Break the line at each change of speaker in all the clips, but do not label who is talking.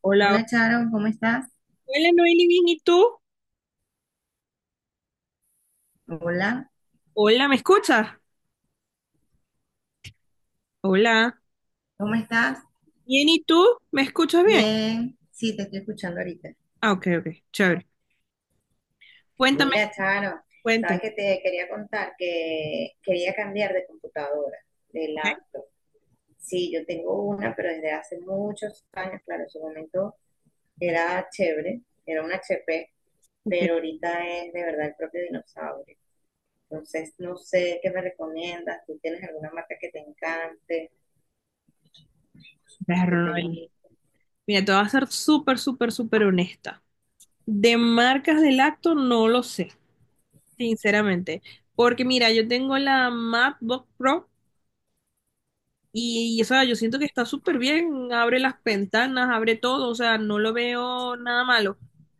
Hola,
Hola Charo, ¿cómo estás?
hola Noeli, bien, ¿y tú?
Hola,
Hola, ¿me escuchas? Hola,
¿cómo estás?
bien, ¿y tú? ¿Me escuchas bien?
Bien, sí, te estoy escuchando ahorita.
Ah, ok, ok, chévere. Cuéntame,
Mira Charo, sabes
cuéntame,
que te quería contar que quería cambiar de computadora, de
ok,
laptop. Sí, yo tengo una, pero desde hace muchos años, claro, en su momento era chévere, era una HP,
ok.
pero ahorita es de verdad el propio dinosaurio. Entonces, no sé qué me recomiendas, ¿tú tienes alguna marca que te encante, que
Perro,
te
Noeli.
guste?
Mira, te voy a ser súper, súper, súper honesta. De marcas de lacto no lo sé, sinceramente. Porque mira, yo tengo la MacBook Pro, o sea, yo siento que está súper bien. Abre las ventanas, abre todo, o sea, no lo veo nada malo.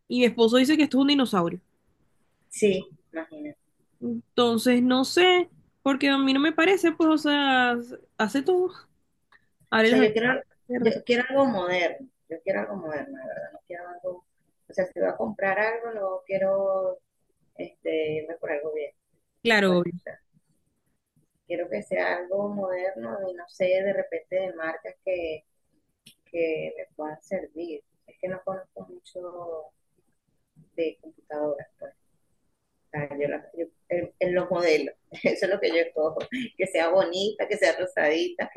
Y mi esposo dice que esto es un dinosaurio.
Sí, imagínate.
Entonces, no sé, porque a mí no me parece, pues, o sea, hace todo.
O
Abre las
sea,
ventanas.
yo quiero algo moderno, la verdad, no quiero algo, o sea, si voy a comprar algo, no quiero irme por algo bien,
Claro,
pues,
obvio.
o sea, quiero que sea algo moderno y no sé, de repente de marcas que me puedan servir. Es que no conozco mucho de computadoras, pues. O sea, en, los modelos, eso es lo que yo cojo, que sea bonita, que sea rosadita,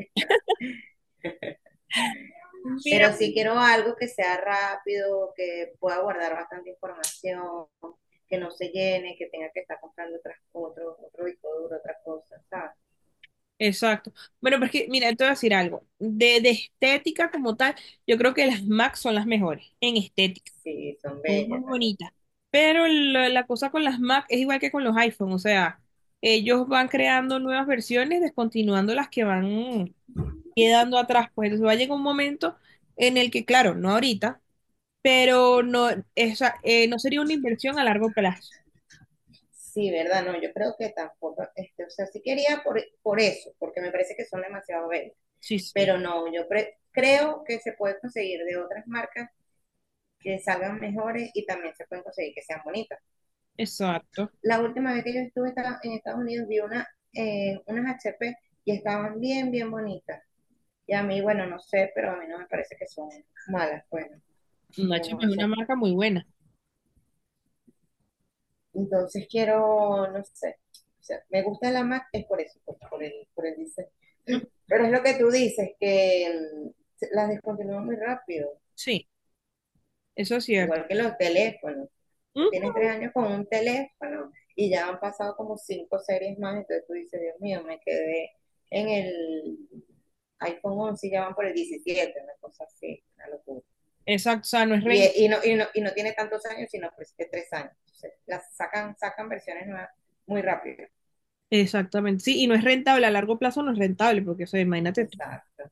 Mira,
pero sí quiero algo que sea rápido, que pueda guardar bastante información, que no se llene, que tenga que estar comprando otras, otro disco duro, otra cosa, ¿sabes?
exacto. Bueno, pero es que, mira, te voy a decir algo. De estética como tal, yo creo que las MAC son las mejores en estética.
Sí, son
Son muy
bellas. ¿Verdad?
bonitas. Pero la cosa con las Mac es igual que con los iPhone. O sea, ellos van creando nuevas versiones, descontinuando las que van quedando atrás. Pues entonces va a llegar un momento en el que, claro, no ahorita, pero no, esa, no sería una inversión a largo plazo.
Sí, ¿verdad? No, yo creo que tampoco, o sea, sí quería por eso, porque me parece que son demasiado bellas.
Sí, sí,
Pero no, yo creo que se puede conseguir de otras marcas que salgan mejores y también se pueden conseguir que sean bonitas.
exacto.
La última vez que yo estuve en Estados Unidos vi unas HP y estaban bien, bien bonitas. Y a mí, bueno, no sé, pero a mí no me parece que son malas, bueno, pero
Nacho
no
es una
sé.
marca muy buena.
Entonces quiero, no sé, o sea, me gusta la Mac, es por eso, por el diseño.
Ujú.
Pero es lo que tú dices, que mm, las descontinúan muy rápido.
Sí, eso es cierto.
Igual que los teléfonos. Tú
Ujú.
tienes 3 años con un teléfono y ya han pasado como cinco series más, entonces tú dices, Dios mío, me quedé en el iPhone 11 y ya van por el 17, una cosa así, una locura.
Exacto, o sea, no es rentable.
Y, no, y, no, y no tiene tantos años, sino pues que 3 años. Entonces, las sacan, sacan versiones nuevas muy rápido.
Exactamente, sí, y no es rentable, a largo plazo no es rentable, porque, o sea, imagínate tú.
Exacto,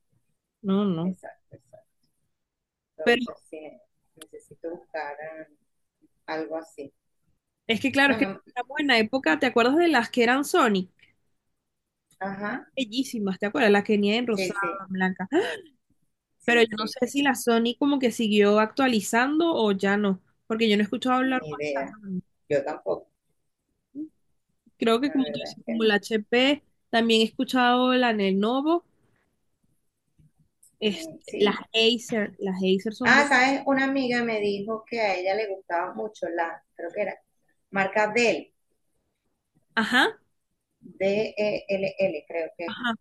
No, no.
exacto, exacto.
Pero
Entonces, sí, necesito buscar algo así.
es que, claro,
No,
es que
no,
estamos en la época, ¿te acuerdas de las que eran Sony?
ajá,
Bellísimas, ¿te acuerdas? Las que venían en
sí,
rosado,
sí,
en blanca. ¡Ah! Pero
sí,
yo no
sí,
sé si
sí,
la Sony como que siguió actualizando o ya no, porque yo no he escuchado hablar
ni
más.
idea. Yo tampoco,
Creo
la
que como tú
verdad es
dices,
que
como
no.
la HP, también he escuchado la Lenovo, este,
Mm,
las
sí.
Acer, las Acer son muy...
Ah, ¿sabes? Una amiga me dijo que a ella le gustaba mucho la, creo que era, marca Dell,
Ajá,
Dell, creo que es.
ajá,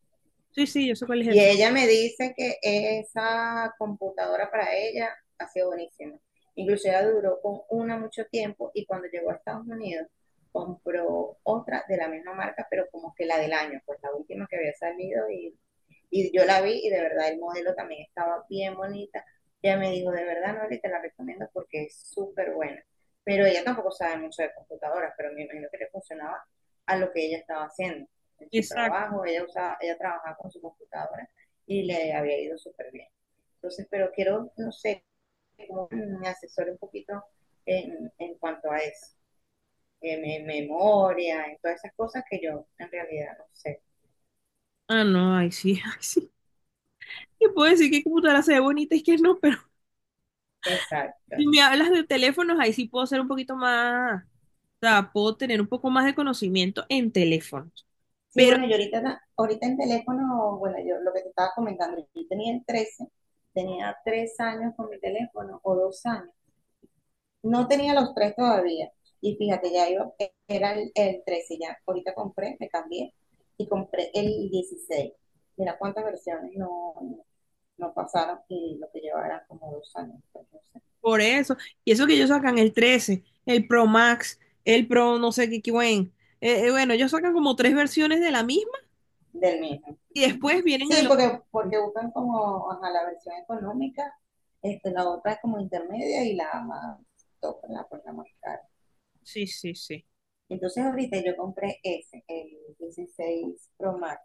sí, sí, yo sé cuál es
Y
esa.
ella me dice que esa computadora para ella ha sido buenísima. Incluso ella duró con una mucho tiempo y cuando llegó a Estados Unidos compró otra de la misma marca, pero como que la del año, pues la última que había salido. Y yo la vi y de verdad el modelo también estaba bien bonita. Ella me dijo, de verdad, Nori, te la recomiendo porque es súper buena. Pero ella tampoco sabe mucho de computadoras, pero me imagino que le funcionaba a lo que ella estaba haciendo en su
Exacto.
trabajo. Ella usaba, ella trabajaba con su computadora y le había ido súper bien. Entonces, pero quiero, no sé, como me asesore un poquito en cuanto a eso, en memoria, en todas esas cosas que yo en realidad no sé.
Ah, no, ahí sí, ahí sí. Te puedo decir que computadora se ve bonita y que no, pero si
Exacto.
me hablas de teléfonos, ahí sí puedo ser un poquito más, o sea, puedo tener un poco más de conocimiento en teléfonos.
Sí,
Pero
bueno, yo ahorita en teléfono, bueno, yo lo que te estaba comentando, yo tenía el 13, tenía 3 años con mi teléfono o 2 años. No tenía los tres todavía. Y fíjate, ya iba, era el 13 ya. Ahorita compré, me cambié y compré el 16. Mira cuántas versiones no, no pasaron y lo que llevaba eran como 2 años, pues, no sé.
por eso, y eso que ellos sacan el 13, el Pro Max, el Pro no sé qué, qué buen. Bueno, ellos sacan como tres versiones de la misma.
Del mismo.
Y después vienen a
Sí,
los...
porque, porque buscan como ajá, la versión económica, la otra es como intermedia y la más top, la más cara.
Sí, sí, sí.
Entonces ahorita yo compré ese, el 16 Pro Max.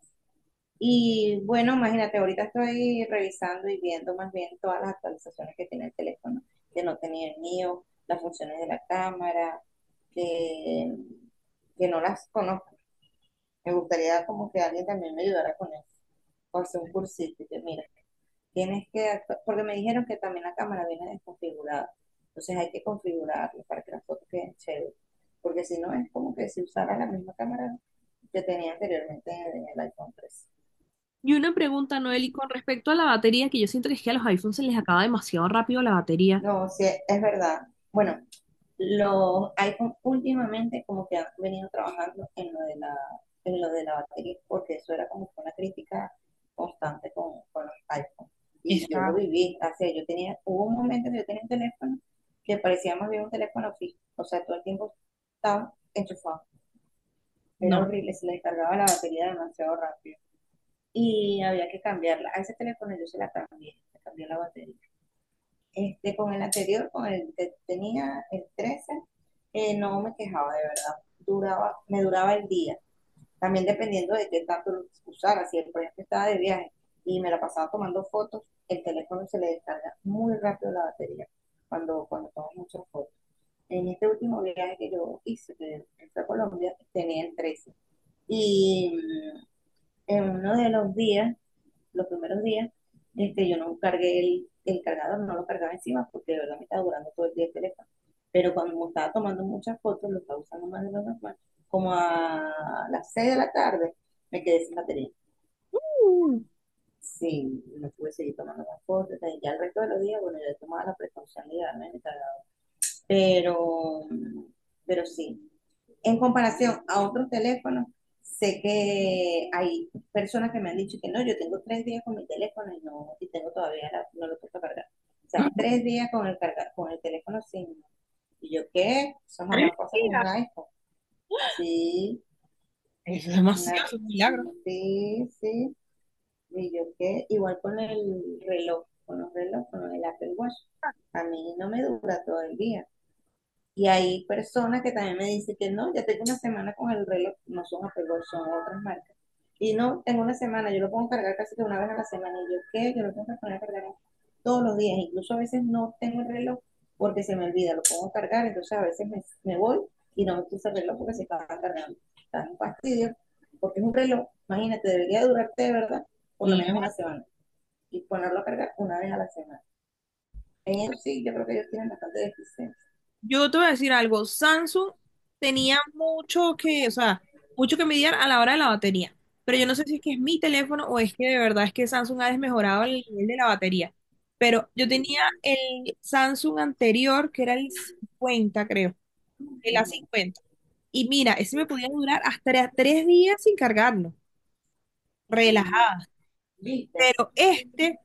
Y bueno, imagínate, ahorita estoy revisando y viendo más bien todas las actualizaciones que tiene el teléfono, de no tener el mío, las funciones de la cámara, de que no las conozco, me gustaría como que alguien también me ayudara con eso, con hacer un cursito, y que mira, porque me dijeron que también la cámara viene desconfigurada, entonces hay que configurarla para que las fotos queden chéveres, porque si no es como que si usara la misma cámara que tenía anteriormente en el iPhone 13.
Y una pregunta, Noel, y con respecto a la batería, que yo siento que es que a los iPhones se les acaba demasiado rápido la batería.
No, sí, es verdad. Bueno, los iPhone últimamente como que han venido trabajando en lo de la batería, porque eso era como que una crítica constante con los iPhone. Y yo lo
Esa.
viví, o sea, yo tenía, hubo un momento que yo tenía un teléfono que parecía más bien un teléfono fijo, o sea, todo el tiempo estaba enchufado, era
No.
horrible, se le descargaba la batería demasiado rápido y había que cambiarla. A ese teléfono yo se la cambié, le cambié la batería. Con el anterior, con el que tenía, el 13 no me quejaba de verdad. Duraba, me duraba el día. También dependiendo de qué tanto lo usara. Si el proyecto estaba de viaje y me la pasaba tomando fotos, el teléfono se le descarga muy rápido la batería cuando tomo muchas fotos. En este último viaje que yo hice, que fue a Colombia, tenía el 13. Y en uno de los días, los primeros días, yo no cargué el cargador, no lo cargaba encima porque de verdad me estaba durando todo el día el teléfono. Pero cuando me estaba tomando muchas fotos, lo estaba usando más de lo normal, como a las 6 de la tarde, me quedé sin batería.
Uh,
Sí, no pude seguir tomando más fotos. Entonces, ya el resto de los días, bueno, yo tomaba la precaución de llevarme mi cargador, pero, pero sí. En comparación a otros teléfonos, sé que hay personas que me han dicho que no, yo tengo 3 días con mi teléfono y no, y tengo todavía no lo puedo cargar. O sea, 3 días con el con el teléfono sin. ¿Y yo qué? Son, jamás pasa con
Mentira,
un iPhone. Sí,
es demasiado,
una,
es un milagro.
sí, sí. ¿Y yo qué? Igual con el reloj, con los relojes, con el Apple Watch. A mí no me dura todo el día. Y hay personas que también me dicen que no, ya tengo una semana con el reloj, no son Apple Watch, son otras marcas. Y no, tengo una semana, yo lo puedo cargar casi que una vez a la semana. Y yo, ¿qué? Yo lo tengo que poner a cargar todos los días. Incluso a veces no tengo el reloj porque se me olvida, lo pongo a cargar, entonces a veces me voy y no me puse el reloj porque se estaba cargando. Está un fastidio, porque es un reloj, imagínate, debería durarte de verdad por lo menos una
Milagro.
semana y ponerlo a cargar una vez a la semana. En eso sí, yo creo que ellos tienen bastante deficiencia.
Yo te voy a decir algo, Samsung tenía mucho que, o sea, mucho que mediar a la hora de la batería, pero yo no sé si es que es mi teléfono o es que de verdad es que Samsung ha desmejorado el nivel de la batería, pero yo tenía el Samsung anterior que era el 50, creo, el
Ujú.
A50. Y mira, ese me podía durar hasta 3 días sin cargarlo, relajado.
¿Viste?
Pero este,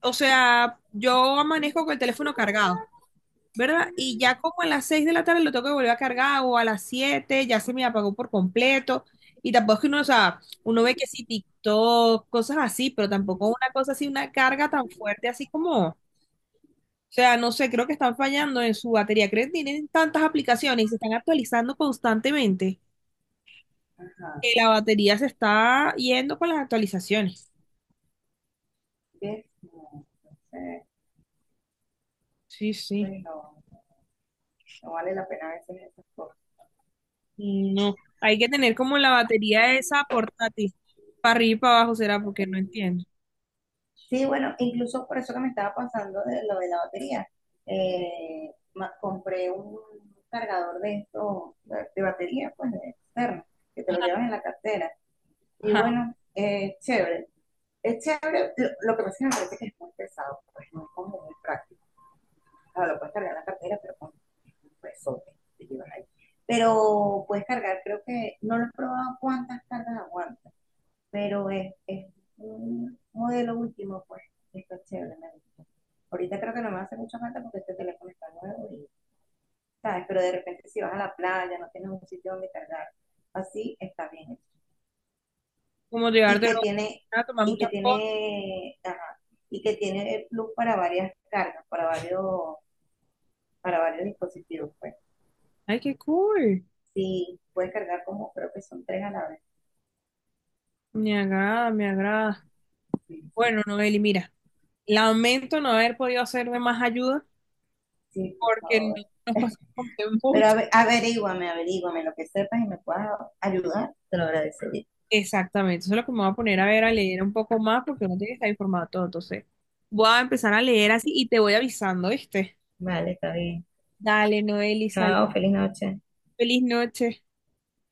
o sea, yo amanezco con el teléfono cargado, ¿verdad? Y ya como a las 6 de la tarde lo tengo que volver a cargar, o a las 7 ya se me apagó por completo. Y tampoco es que uno, o sea, uno ve que sí, TikTok, cosas así, pero tampoco una cosa así, una carga tan fuerte así como, o sea, no sé, creo que están fallando en su batería. Creo que tienen tantas aplicaciones y se están actualizando constantemente,
Ajá.
que la batería se está yendo con las actualizaciones.
¿Ves? No, entonces,
Sí,
pues
sí.
no, no vale la pena a veces esas cosas.
No, hay que tener como la batería esa portátil. Para arriba y para abajo, será porque no entiendo.
Sí, bueno, incluso por eso que me estaba pasando de lo de la batería. Compré un cargador de esto, de batería, pues de externo, que te lo llevas en la cartera. Y
Ajá.
bueno, chévere. Es chévere, lo que pasa es que me parece que es muy pesado, pues no es como muy práctico. Claro, lo puedes cargar en la cartera, pero con un pesote que te llevas ahí. Pero puedes cargar, creo que, no lo he probado cuántas cargas aguanta, pero es un modelo último, pues, está chévere, me gusta. Ahorita creo que no me hace mucha falta porque este teléfono está nuevo y, ¿sabes? Pero de repente si vas a la playa, no tienes un sitio donde cargar, así está bien.
Como llevar
Y
de
que tiene,
la a tomar
y que
muchas fotos.
tiene, ajá, y que tiene el plus para varias cargas, para varios dispositivos, pues.
Ay, qué cool.
Sí, puedes cargar como creo que son tres a la vez.
Me agrada, me agrada.
Sí, sí,
Bueno, Noeli, mira, lamento no haber podido hacerme más ayuda
sí, por
porque
favor.
no nos pasamos tiempo.
Pero averíguame lo que sepas y me puedas ayudar, te lo agradecería.
Exactamente. Eso es lo que me voy a poner a ver, a leer un poco más porque no tiene que estar informado todo. Entonces, voy a empezar a leer así y te voy avisando, ¿viste?
Vale, está bien.
Dale, Noeli, salud.
Chao, feliz noche.
Feliz noche.